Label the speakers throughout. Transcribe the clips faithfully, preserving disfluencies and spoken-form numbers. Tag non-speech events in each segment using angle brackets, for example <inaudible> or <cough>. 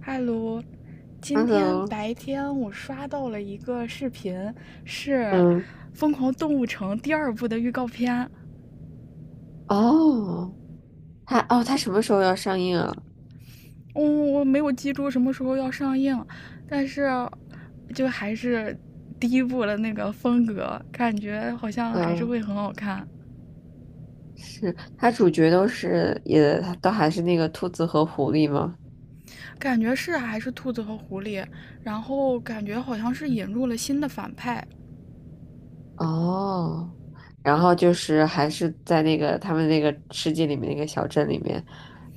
Speaker 1: 嗨，卢，
Speaker 2: h
Speaker 1: 今天
Speaker 2: e
Speaker 1: 白天我刷到了一个视频，是
Speaker 2: 嗯，
Speaker 1: 《疯狂动物城》第二部的预告片。
Speaker 2: 哦，它哦，它什么时候要上映啊？
Speaker 1: 嗯，我没有记住什么时候要上映，但是就还是第一部的那个风格，感觉好像还是
Speaker 2: 嗯，
Speaker 1: 会很好看。
Speaker 2: 是它主角都是也都还是那个兔子和狐狸吗？
Speaker 1: 感觉是还是兔子和狐狸，然后感觉好像是引入了新的反派。
Speaker 2: 哦，然后就是还是在那个他们那个世界里面那个小镇里面，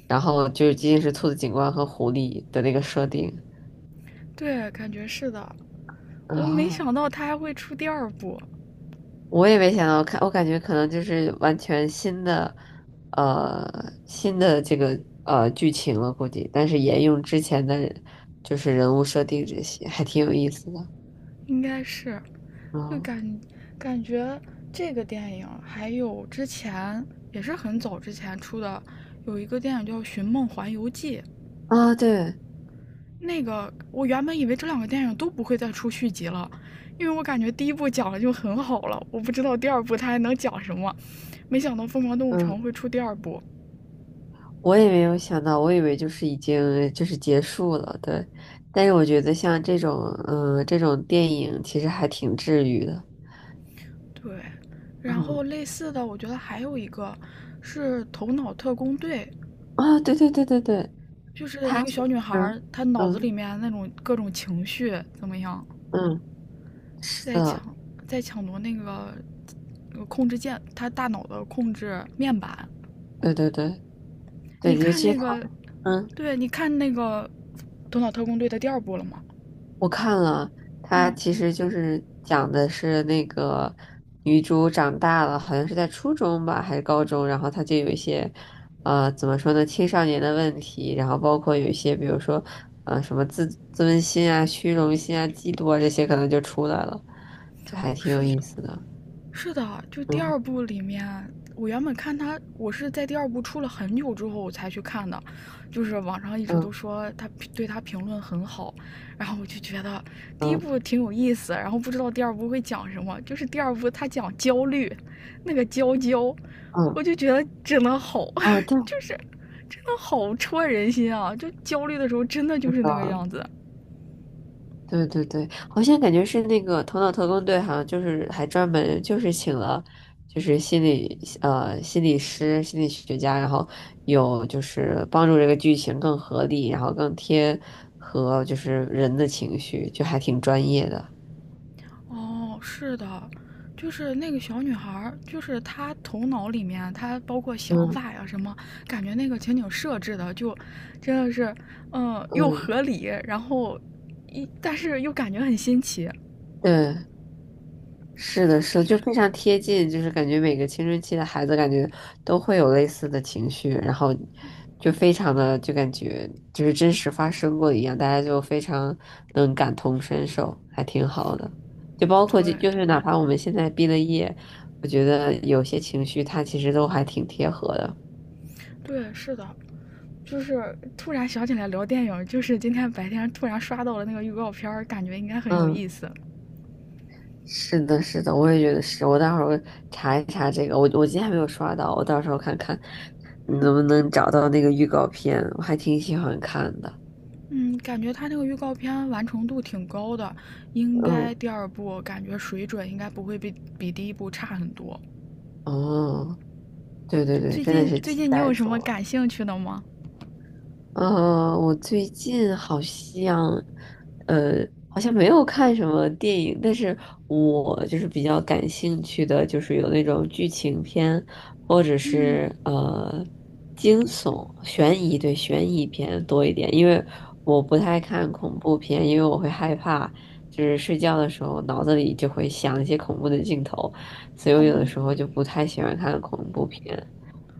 Speaker 2: 然后就是仅仅是兔子警官和狐狸的那个设定。
Speaker 1: 对，感觉是的。我没
Speaker 2: 哦
Speaker 1: 想到他还会出第二部。
Speaker 2: 我也没想到，我看我感觉可能就是完全新的，呃，新的这个呃剧情了，估计，但是沿用之前的人，就是人物设定这些，还挺有意思的。
Speaker 1: 应该是，就
Speaker 2: 嗯
Speaker 1: 感感觉这个电影还有之前也是很早之前出的，有一个电影叫《寻梦环游记》。
Speaker 2: 啊，对，
Speaker 1: 那个我原本以为这两个电影都不会再出续集了，因为我感觉第一部讲的就很好了，我不知道第二部它还能讲什么。没想到《疯狂动物城》
Speaker 2: 嗯，
Speaker 1: 会出第二部。
Speaker 2: 我也没有想到，我以为就是已经就是结束了，对。但是我觉得像这种，嗯、这种电影其实还挺治愈的。
Speaker 1: 对，然后
Speaker 2: 嗯
Speaker 1: 类似的，我觉得还有一个是《头脑特工队》，
Speaker 2: 啊，对对对对对，
Speaker 1: 就是
Speaker 2: 他
Speaker 1: 一个
Speaker 2: 是，
Speaker 1: 小女
Speaker 2: 嗯
Speaker 1: 孩她脑子里
Speaker 2: 嗯
Speaker 1: 面那种各种情绪怎么样，
Speaker 2: 嗯，是
Speaker 1: 在抢
Speaker 2: 的，
Speaker 1: 在抢夺那个呃控制键，她大脑的控制面板。
Speaker 2: 对对对
Speaker 1: 你
Speaker 2: 对，尤
Speaker 1: 看
Speaker 2: 其
Speaker 1: 那
Speaker 2: 他。
Speaker 1: 个，
Speaker 2: 嗯，
Speaker 1: 对，你看那个《头脑特工队》的第二部了吗？
Speaker 2: 我看了，它
Speaker 1: 嗯，
Speaker 2: 其实就是讲的是那个女主长大了，好像是在初中吧，还是高中，然后她就有一些，呃，怎么说呢，青少年的问题，然后包括有一些，比如说，呃，什么自自尊心啊、虚荣心啊、嫉妒啊这些，可能就出来了，就还挺有意
Speaker 1: 是
Speaker 2: 思的。
Speaker 1: 是的，就第二
Speaker 2: 嗯
Speaker 1: 部里面，我原本看他，我是在第二部出了很久之后我才去看的，就是网上一直都
Speaker 2: 嗯
Speaker 1: 说他对他评论很好，然后我就觉得第一
Speaker 2: 嗯
Speaker 1: 部挺有意思，然后不知道第二部会讲什么，就是第二部他讲焦虑，那个娇娇，
Speaker 2: 嗯
Speaker 1: 我
Speaker 2: 嗯，
Speaker 1: 就觉得真的好，
Speaker 2: 哦，对，
Speaker 1: <laughs> 就是真的好戳人心啊！就焦虑的时候真的就
Speaker 2: 那
Speaker 1: 是那个
Speaker 2: 个。
Speaker 1: 样子。
Speaker 2: 对对对，好像感觉是那个《头脑特工队》，好像就是还专门就是请了，就是心理呃心理师、心理学家，然后有就是帮助这个剧情更合理，然后更贴合就是人的情绪，就还挺专业的。
Speaker 1: 哦，是的，就是那个小女孩儿，就是她头脑里面，她包括想
Speaker 2: 嗯
Speaker 1: 法呀什么，感觉那个情景设置的就真的是，嗯，又
Speaker 2: 嗯，
Speaker 1: 合理，然后一但是又感觉很新奇。
Speaker 2: 对。是的，是的，就非常贴近，就是感觉每个青春期的孩子感觉都会有类似的情绪，然后就非常的就感觉就是真实发生过一样，大家就非常能感同身受，还挺好的。就包括就
Speaker 1: 对，
Speaker 2: 就是哪怕我们现在毕了业，我觉得有些情绪它其实都还挺贴合的。
Speaker 1: 对，是的，就是突然想起来聊电影，就是今天白天突然刷到了那个预告片儿，感觉应该很有意
Speaker 2: 嗯。
Speaker 1: 思。
Speaker 2: 是的，是的，我也觉得是。我待会儿查一查这个，我我今天还没有刷到，我到时候看看能不
Speaker 1: 嗯。
Speaker 2: 能找到那个预告片，我还挺喜欢看的。
Speaker 1: 嗯，感觉他那个预告片完成度挺高的，应
Speaker 2: 嗯，
Speaker 1: 该第二部感觉水准应该不会比比第一部差很多。
Speaker 2: 哦，对对对，
Speaker 1: 最
Speaker 2: 真的
Speaker 1: 近
Speaker 2: 是
Speaker 1: 最
Speaker 2: 期
Speaker 1: 近你
Speaker 2: 待
Speaker 1: 有什
Speaker 2: 住
Speaker 1: 么
Speaker 2: 了。
Speaker 1: 感兴趣的吗？
Speaker 2: 呃，我最近好像，呃，好像没有看什么电影，但是我就是比较感兴趣的，就是有那种剧情片，或者
Speaker 1: 嗯，
Speaker 2: 是呃惊悚、悬疑，对，悬疑片多一点，因为我不太看恐怖片，因为我会害怕，就是睡觉的时候脑子里就会想一些恐怖的镜头，所以我
Speaker 1: 哦，
Speaker 2: 有的时候就不太喜欢看恐怖片。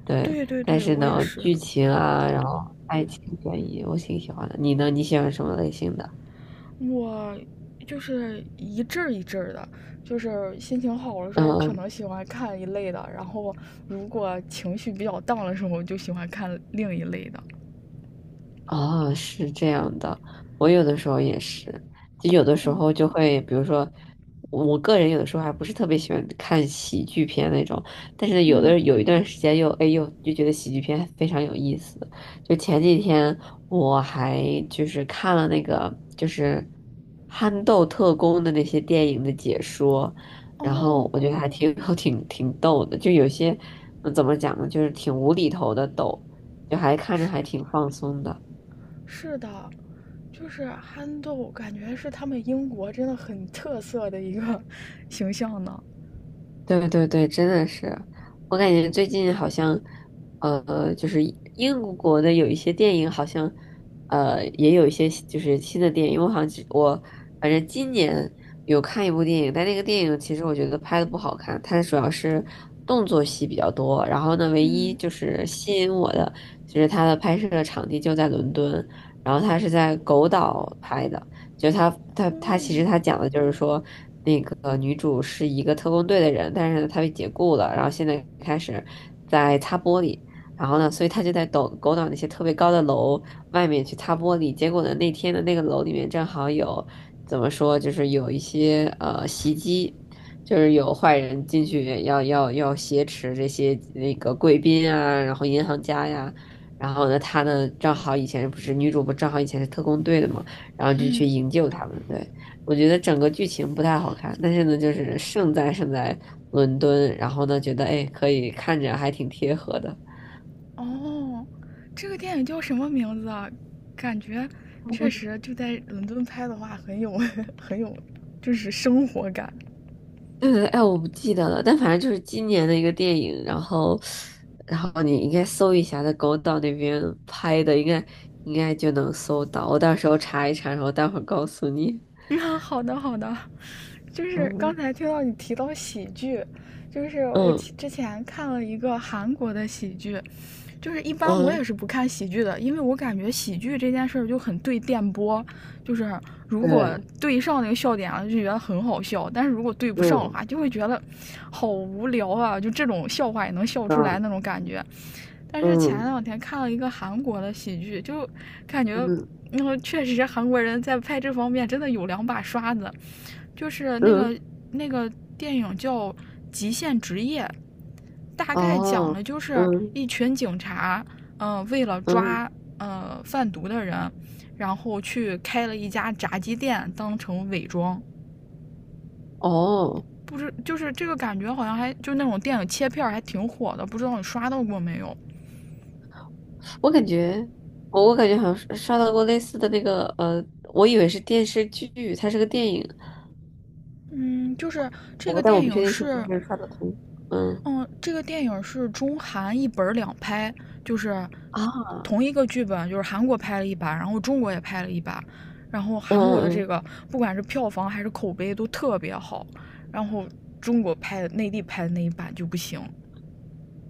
Speaker 2: 对，
Speaker 1: 对对
Speaker 2: 但
Speaker 1: 对，
Speaker 2: 是
Speaker 1: 我也
Speaker 2: 呢，
Speaker 1: 是，
Speaker 2: 剧情啊，然后嗯爱情悬疑，我挺喜欢的。你呢？你喜欢什么类型的？
Speaker 1: 我就是一阵儿一阵儿的，就是心情好的时候可
Speaker 2: 嗯，
Speaker 1: 能喜欢看一类的，然后如果情绪比较荡的时候就喜欢看另一类的。
Speaker 2: 哦，是这样的，我有的时候也是，就有的时候
Speaker 1: 嗯
Speaker 2: 就会，比如说，我我个人有的时候还不是特别喜欢看喜剧片那种，但是有
Speaker 1: 嗯，
Speaker 2: 的有一段时间又哎呦就觉得喜剧片非常有意思。就前几天我还就是看了那个就是憨豆特工的那些电影的解说，然
Speaker 1: 哦，
Speaker 2: 后我觉得还挺 <laughs> 挺挺逗的，就有些嗯怎么讲呢，就是挺无厘头的逗，就还看着还
Speaker 1: 是
Speaker 2: 挺放松的。
Speaker 1: 是的，就是憨豆，感觉是他们英国真的很特色的一个 <laughs> 形象呢。
Speaker 2: 对对对，真的是，我感觉最近好像，呃，就是英国的有一些电影，好像，呃，也有一些就是新的电影。因为我好像只我反正今年有看一部电影，但那个电影其实我觉得拍的不好看，它主要是动作戏比较多。然后呢，唯一
Speaker 1: 嗯
Speaker 2: 就是吸引我的，就是它的拍摄场地就在伦敦，然后它是在狗岛拍的，就它它它其
Speaker 1: 嗯
Speaker 2: 实它讲的就是说。那个女主是一个特工队的人，但是呢，她被解雇了，然后现在开始在擦玻璃，然后呢，所以她就在抖狗岛那些特别高的楼外面去擦玻璃。结果呢，那天的那个楼里面正好有怎么说，就是有一些呃袭击，就是有坏人进去要要要挟持这些那个贵宾啊，然后银行家呀。然后呢，她呢，正好以前不是女主不正好以前是特工队的嘛，然后就去
Speaker 1: 嗯，
Speaker 2: 营救他们，对。我觉得整个剧情不太好看，但是呢，就是胜在胜在伦敦，然后呢，觉得哎，可以看着还挺贴合的。
Speaker 1: 哦，这个电影叫什么名字啊？感觉确实就在伦敦拍的话，很有 <laughs> 很有，就是生活感。
Speaker 2: 对对，哎，我不记得了，但反正就是今年的一个电影，然后，然后你应该搜一下，在狗岛那边拍的，应该应该就能搜到。我到时候查一查，然后待会儿告诉你。
Speaker 1: <laughs> 啊，好的好的，就
Speaker 2: <laughs>
Speaker 1: 是刚
Speaker 2: 嗯
Speaker 1: 才听到你提到喜剧，就是我
Speaker 2: 嗯
Speaker 1: 之前看了一个韩国的喜剧，就是一般我
Speaker 2: 嗯，
Speaker 1: 也是不看喜剧的，因为我感觉喜剧这件事就很对电波，就是如果
Speaker 2: 对，
Speaker 1: 对上那个笑点了，就觉得很好笑；但是如果对不上的
Speaker 2: 嗯
Speaker 1: 话，就会觉得好无聊啊，就这种笑话也能笑出来
Speaker 2: 嗯
Speaker 1: 那种感觉。但是前
Speaker 2: 嗯
Speaker 1: 两天看了一个韩国的喜剧，就感觉。
Speaker 2: 嗯
Speaker 1: 那、嗯、确实，韩国人在拍这方面真的有两把刷子，就是那
Speaker 2: 嗯，
Speaker 1: 个那个电影叫《极限职业》，大概讲
Speaker 2: 哦，
Speaker 1: 了就是
Speaker 2: 嗯
Speaker 1: 一群警察，嗯、呃为了
Speaker 2: 嗯
Speaker 1: 抓呃贩毒的人，然后去开了一家炸鸡店当成伪装。
Speaker 2: 哦。
Speaker 1: 不知就是这个感觉好像还就那种电影切片还挺火的，不知道你刷到过没有？
Speaker 2: 我感觉，我我感觉好像是刷到过类似的那个，呃，我以为是电视剧，它是个电影，
Speaker 1: 嗯，就是这个
Speaker 2: 我但我
Speaker 1: 电
Speaker 2: 不确
Speaker 1: 影
Speaker 2: 定是不
Speaker 1: 是
Speaker 2: 是刷的同。嗯
Speaker 1: 嗯，这个电影是中韩一本儿两拍，就是
Speaker 2: 啊，
Speaker 1: 同一个剧本，就是韩国拍了一版，然后中国也拍了一版，然后
Speaker 2: 嗯
Speaker 1: 韩国的这
Speaker 2: 嗯
Speaker 1: 个不管是票房还是口碑都特别好，然后中国拍的内地拍的那一版就不行。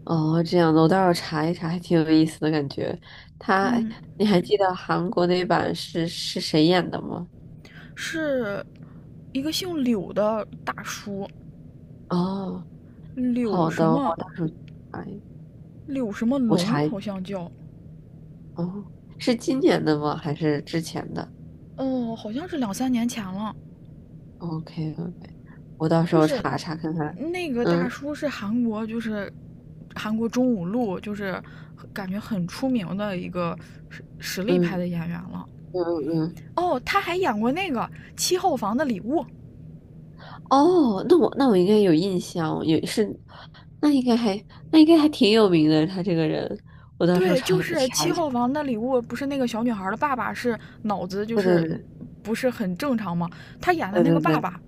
Speaker 2: 嗯，哦，这样的，我待会儿查一查，还挺有意思的感觉。他，
Speaker 1: 嗯，
Speaker 2: 你还记得韩国那版是是谁演的吗？
Speaker 1: 是一个姓柳的大叔，
Speaker 2: 哦，
Speaker 1: 柳
Speaker 2: 好
Speaker 1: 什
Speaker 2: 的，
Speaker 1: 么
Speaker 2: 我到时候查一，
Speaker 1: 柳什么
Speaker 2: 我
Speaker 1: 龙
Speaker 2: 查一，
Speaker 1: 好像叫，
Speaker 2: 哦，是今年的吗？还是之前的
Speaker 1: 哦，好像是两三年前了。
Speaker 2: ？OK OK，我到时
Speaker 1: 就
Speaker 2: 候
Speaker 1: 是
Speaker 2: 查查看看。
Speaker 1: 那个大
Speaker 2: 嗯
Speaker 1: 叔是韩国，就是韩国中五路，就是感觉很出名的一个实实力派
Speaker 2: 嗯
Speaker 1: 的演员了。
Speaker 2: 嗯嗯。
Speaker 1: 哦，他还演过那个《七号房的礼物》。
Speaker 2: 哦，那我那我应该有印象，也是，那应该还那应该还挺有名的，他这个人，我到时候
Speaker 1: 对，
Speaker 2: 查
Speaker 1: 就
Speaker 2: 也
Speaker 1: 是
Speaker 2: 查
Speaker 1: 《七
Speaker 2: 一下。
Speaker 1: 号房的礼物》，不是那个小女孩的爸爸是脑子就
Speaker 2: 对对
Speaker 1: 是
Speaker 2: 对
Speaker 1: 不是很正常吗？他演的
Speaker 2: 对
Speaker 1: 那个
Speaker 2: 对
Speaker 1: 爸爸，
Speaker 2: 对，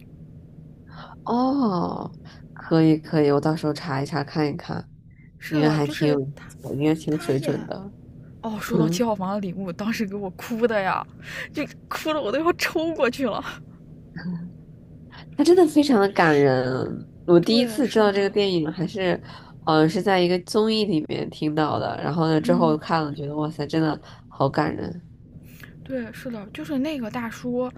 Speaker 2: 哦，可以可以，我到时候查一查看一看，
Speaker 1: 是
Speaker 2: 应该
Speaker 1: 的，
Speaker 2: 还
Speaker 1: 就
Speaker 2: 挺
Speaker 1: 是
Speaker 2: 有，
Speaker 1: 他，
Speaker 2: 我应该挺有
Speaker 1: 他
Speaker 2: 水
Speaker 1: 演。
Speaker 2: 准的。
Speaker 1: 哦，说到七
Speaker 2: 嗯，
Speaker 1: 号房的礼物，当时给我哭的呀，就哭的我都要抽过去了。
Speaker 2: 他真的非常的感人，我第一
Speaker 1: 对，
Speaker 2: 次知
Speaker 1: 是
Speaker 2: 道
Speaker 1: 的，
Speaker 2: 这个电影还是，好像是在一个综艺里面听到的，然后呢之后
Speaker 1: 嗯。
Speaker 2: 看了，觉得哇塞，真的好感人。
Speaker 1: 对，是的，就是那个大叔，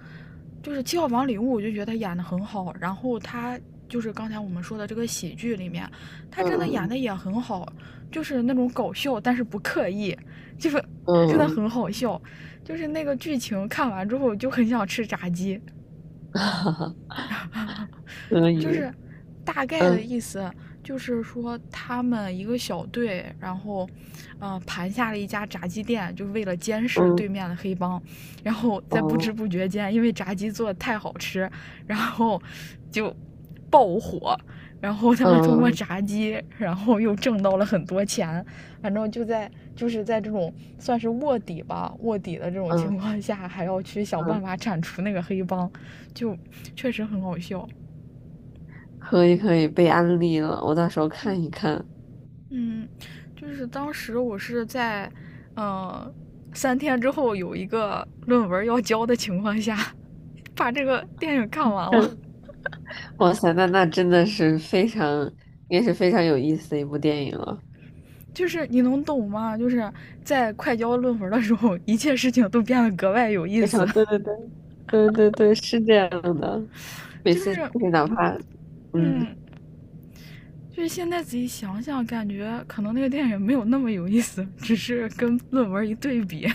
Speaker 1: 就是《七号房礼物》，我就觉得他演的很好。然后他就是刚才我们说的这个喜剧里面，他真的演
Speaker 2: 嗯
Speaker 1: 的也很好，就是那种搞笑，但是不刻意，就是
Speaker 2: 嗯
Speaker 1: 真的
Speaker 2: 嗯
Speaker 1: 很好笑。就是那个剧情看完之后就很想吃炸鸡，
Speaker 2: 嗯，<laughs> 嗯可
Speaker 1: 就
Speaker 2: 以。
Speaker 1: 是大概的
Speaker 2: 嗯
Speaker 1: 意思就是说，他们一个小队，然后，嗯、呃，盘下了一家炸鸡店，就为了监视对
Speaker 2: 嗯
Speaker 1: 面的黑帮，然后在不知
Speaker 2: 哦
Speaker 1: 不觉间，因为炸鸡做的太好吃，然后就爆火。然后他们通过
Speaker 2: 嗯
Speaker 1: 炸鸡，然后又挣到了很多钱。反正就在就是在这种算是卧底吧，卧底的这种
Speaker 2: 嗯
Speaker 1: 情况下，还要去想办
Speaker 2: 嗯，
Speaker 1: 法铲除那个黑帮，就确实很好笑。
Speaker 2: 可以可以，被安利了，我到时候看一
Speaker 1: 嗯，
Speaker 2: 看。
Speaker 1: 嗯，就是当时我是在，嗯，三天之后有一个论文要交的情况下，把这个电影看完了。
Speaker 2: 哇塞，那那真的是非常，也是非常有意思的一部电影了。
Speaker 1: 就是你能懂吗？就是在快交论文的时候，一切事情都变得格外有意
Speaker 2: 非
Speaker 1: 思。
Speaker 2: 常对对对对对对，是这样的。每
Speaker 1: 就
Speaker 2: 次
Speaker 1: 是，
Speaker 2: 就是哪怕嗯，
Speaker 1: 嗯，就是现在仔细想想，感觉可能那个电影没有那么有意思，只是跟论文一对比，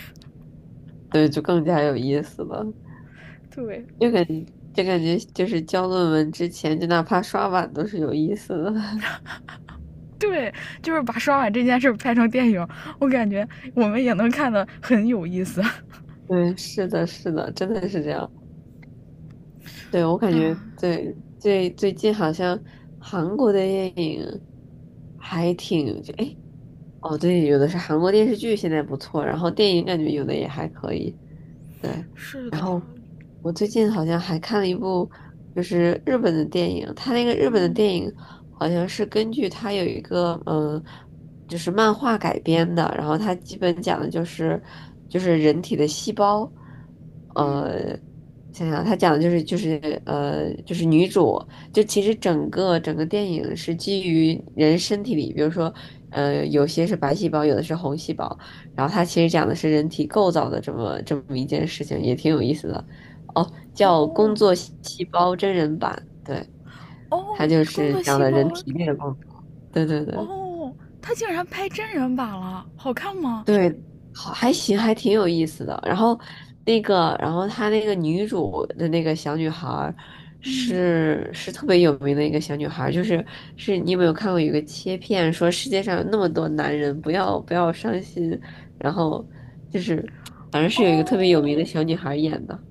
Speaker 2: 对，就更加有意思了。
Speaker 1: 对。<laughs>
Speaker 2: 就感觉就感觉就是交论文之前，就哪怕刷碗都是有意思的。
Speaker 1: 对，就是把刷碗这件事拍成电影，我感觉我们也能看得很有意思。
Speaker 2: <laughs> 对，是的，是的，真的是这样。对，我感觉
Speaker 1: 啊，
Speaker 2: 对，最最近好像韩国的电影还挺，就哎，诶哦，对，有的是韩国电视剧，现在不错，然后电影感觉有的也还可以，对。
Speaker 1: 是
Speaker 2: 然
Speaker 1: 的，
Speaker 2: 后我最近好像还看了一部，就是日本的电影，它那个日本的
Speaker 1: 嗯
Speaker 2: 电影好像是根据它有一个嗯，呃就是漫画改编的，然后它基本讲的就是就是人体的细胞，
Speaker 1: 嗯，
Speaker 2: 呃，想想它讲的就是就是呃就是女主。就其实整个整个电影是基于人身体里，比如说呃，有些是白细胞，有的是红细胞，然后它其实讲的是人体构造的这么这么一件事情，也挺有意思的。哦，叫《工
Speaker 1: 哦
Speaker 2: 作细胞真人版》，对，它
Speaker 1: 哦，
Speaker 2: 就
Speaker 1: 工
Speaker 2: 是
Speaker 1: 作
Speaker 2: 讲
Speaker 1: 细
Speaker 2: 的人
Speaker 1: 胞，
Speaker 2: 体内的工作。对对对。
Speaker 1: 哦，他竟然拍真人版了，好看吗？
Speaker 2: 对，好，还行，还挺有意思的。然后那个，然后她那个女主的那个小女孩儿
Speaker 1: 嗯，
Speaker 2: 是是特别有名的一个小女孩儿，就是是你有没有看过有一个切片说世界上有那么多男人，不要不要伤心，然后就是反正是有一个特别有名的
Speaker 1: 哦
Speaker 2: 小女孩儿演的，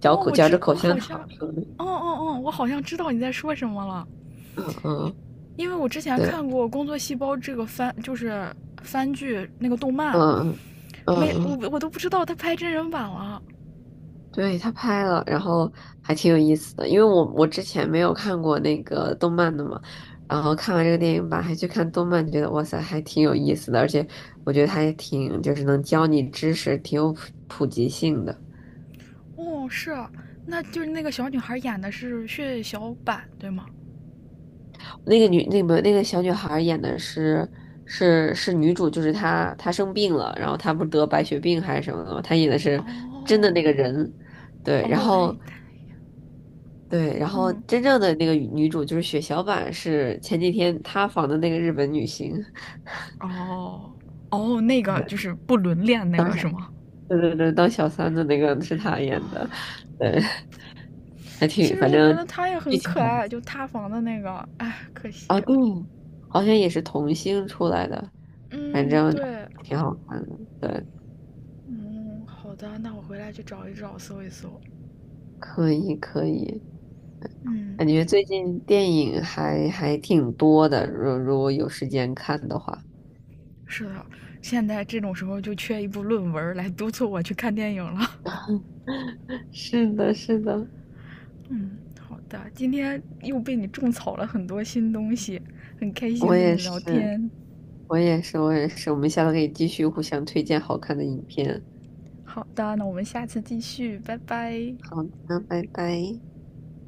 Speaker 2: 嚼
Speaker 1: 哦，
Speaker 2: 口
Speaker 1: 我
Speaker 2: 嚼着
Speaker 1: 知，我
Speaker 2: 口香
Speaker 1: 好像，
Speaker 2: 糖说的，
Speaker 1: 哦哦哦，我好像知道你在说什么了，
Speaker 2: 嗯嗯，
Speaker 1: 因为我之前
Speaker 2: 对，
Speaker 1: 看过《工作细胞》这个番，就是番剧那个动漫，
Speaker 2: 嗯嗯
Speaker 1: 没我
Speaker 2: 嗯。
Speaker 1: 我都不知道他拍真人版了。
Speaker 2: 对，他拍了，然后还挺有意思的，因为我我之前没有看过那个动漫的嘛，然后看完这个电影版还去看动漫，觉得哇塞，还挺有意思的，而且我觉得它也挺就是能教你知识，挺有普普及性的。
Speaker 1: 哦，是啊，那就是那个小女孩演的是血小板，对吗？
Speaker 2: 那个女那个那个小女孩演的是是是女主，就是她她生病了，然后她不是得白血病还是什么的嘛，她演的是真的
Speaker 1: 哦
Speaker 2: 那个人，对，然
Speaker 1: 哦，他
Speaker 2: 后。
Speaker 1: 他
Speaker 2: 对，然后
Speaker 1: 嗯。
Speaker 2: 真正的那个女主就是血小板，是前几天塌房的那个日本女星，
Speaker 1: 哦哦，那个
Speaker 2: 对，
Speaker 1: 就是不伦恋那
Speaker 2: 当
Speaker 1: 个
Speaker 2: 小，
Speaker 1: 是吗？
Speaker 2: 对对对，当小三的那个是她
Speaker 1: 啊
Speaker 2: 演的，
Speaker 1: 哦，
Speaker 2: 对，还
Speaker 1: 其
Speaker 2: 挺，
Speaker 1: 实
Speaker 2: 反
Speaker 1: 我觉得
Speaker 2: 正
Speaker 1: 他也
Speaker 2: 剧
Speaker 1: 很
Speaker 2: 情
Speaker 1: 可
Speaker 2: 很
Speaker 1: 爱，就塌房的那个，哎，可
Speaker 2: 啊，
Speaker 1: 惜。
Speaker 2: 对，好像也是童星出来的，反
Speaker 1: 嗯，
Speaker 2: 正
Speaker 1: 对，
Speaker 2: 挺好看的，对，
Speaker 1: 嗯，好的，那我回来去找一找，搜一搜。
Speaker 2: 可以可以，
Speaker 1: 嗯，
Speaker 2: 感觉最近电影还还挺多的，如如果有时间看的话，
Speaker 1: 是的，现在这种时候就缺一部论文来督促我去看电影了。
Speaker 2: <laughs> 是的，是的，
Speaker 1: 嗯，好的，今天又被你种草了很多新东西，很开
Speaker 2: 我
Speaker 1: 心跟
Speaker 2: 也
Speaker 1: 你聊
Speaker 2: 是，
Speaker 1: 天。
Speaker 2: 我也是，我也是，我们下次可以继续互相推荐好看的影片。
Speaker 1: 好的，那我们下次继续，拜拜。
Speaker 2: 好的，拜拜。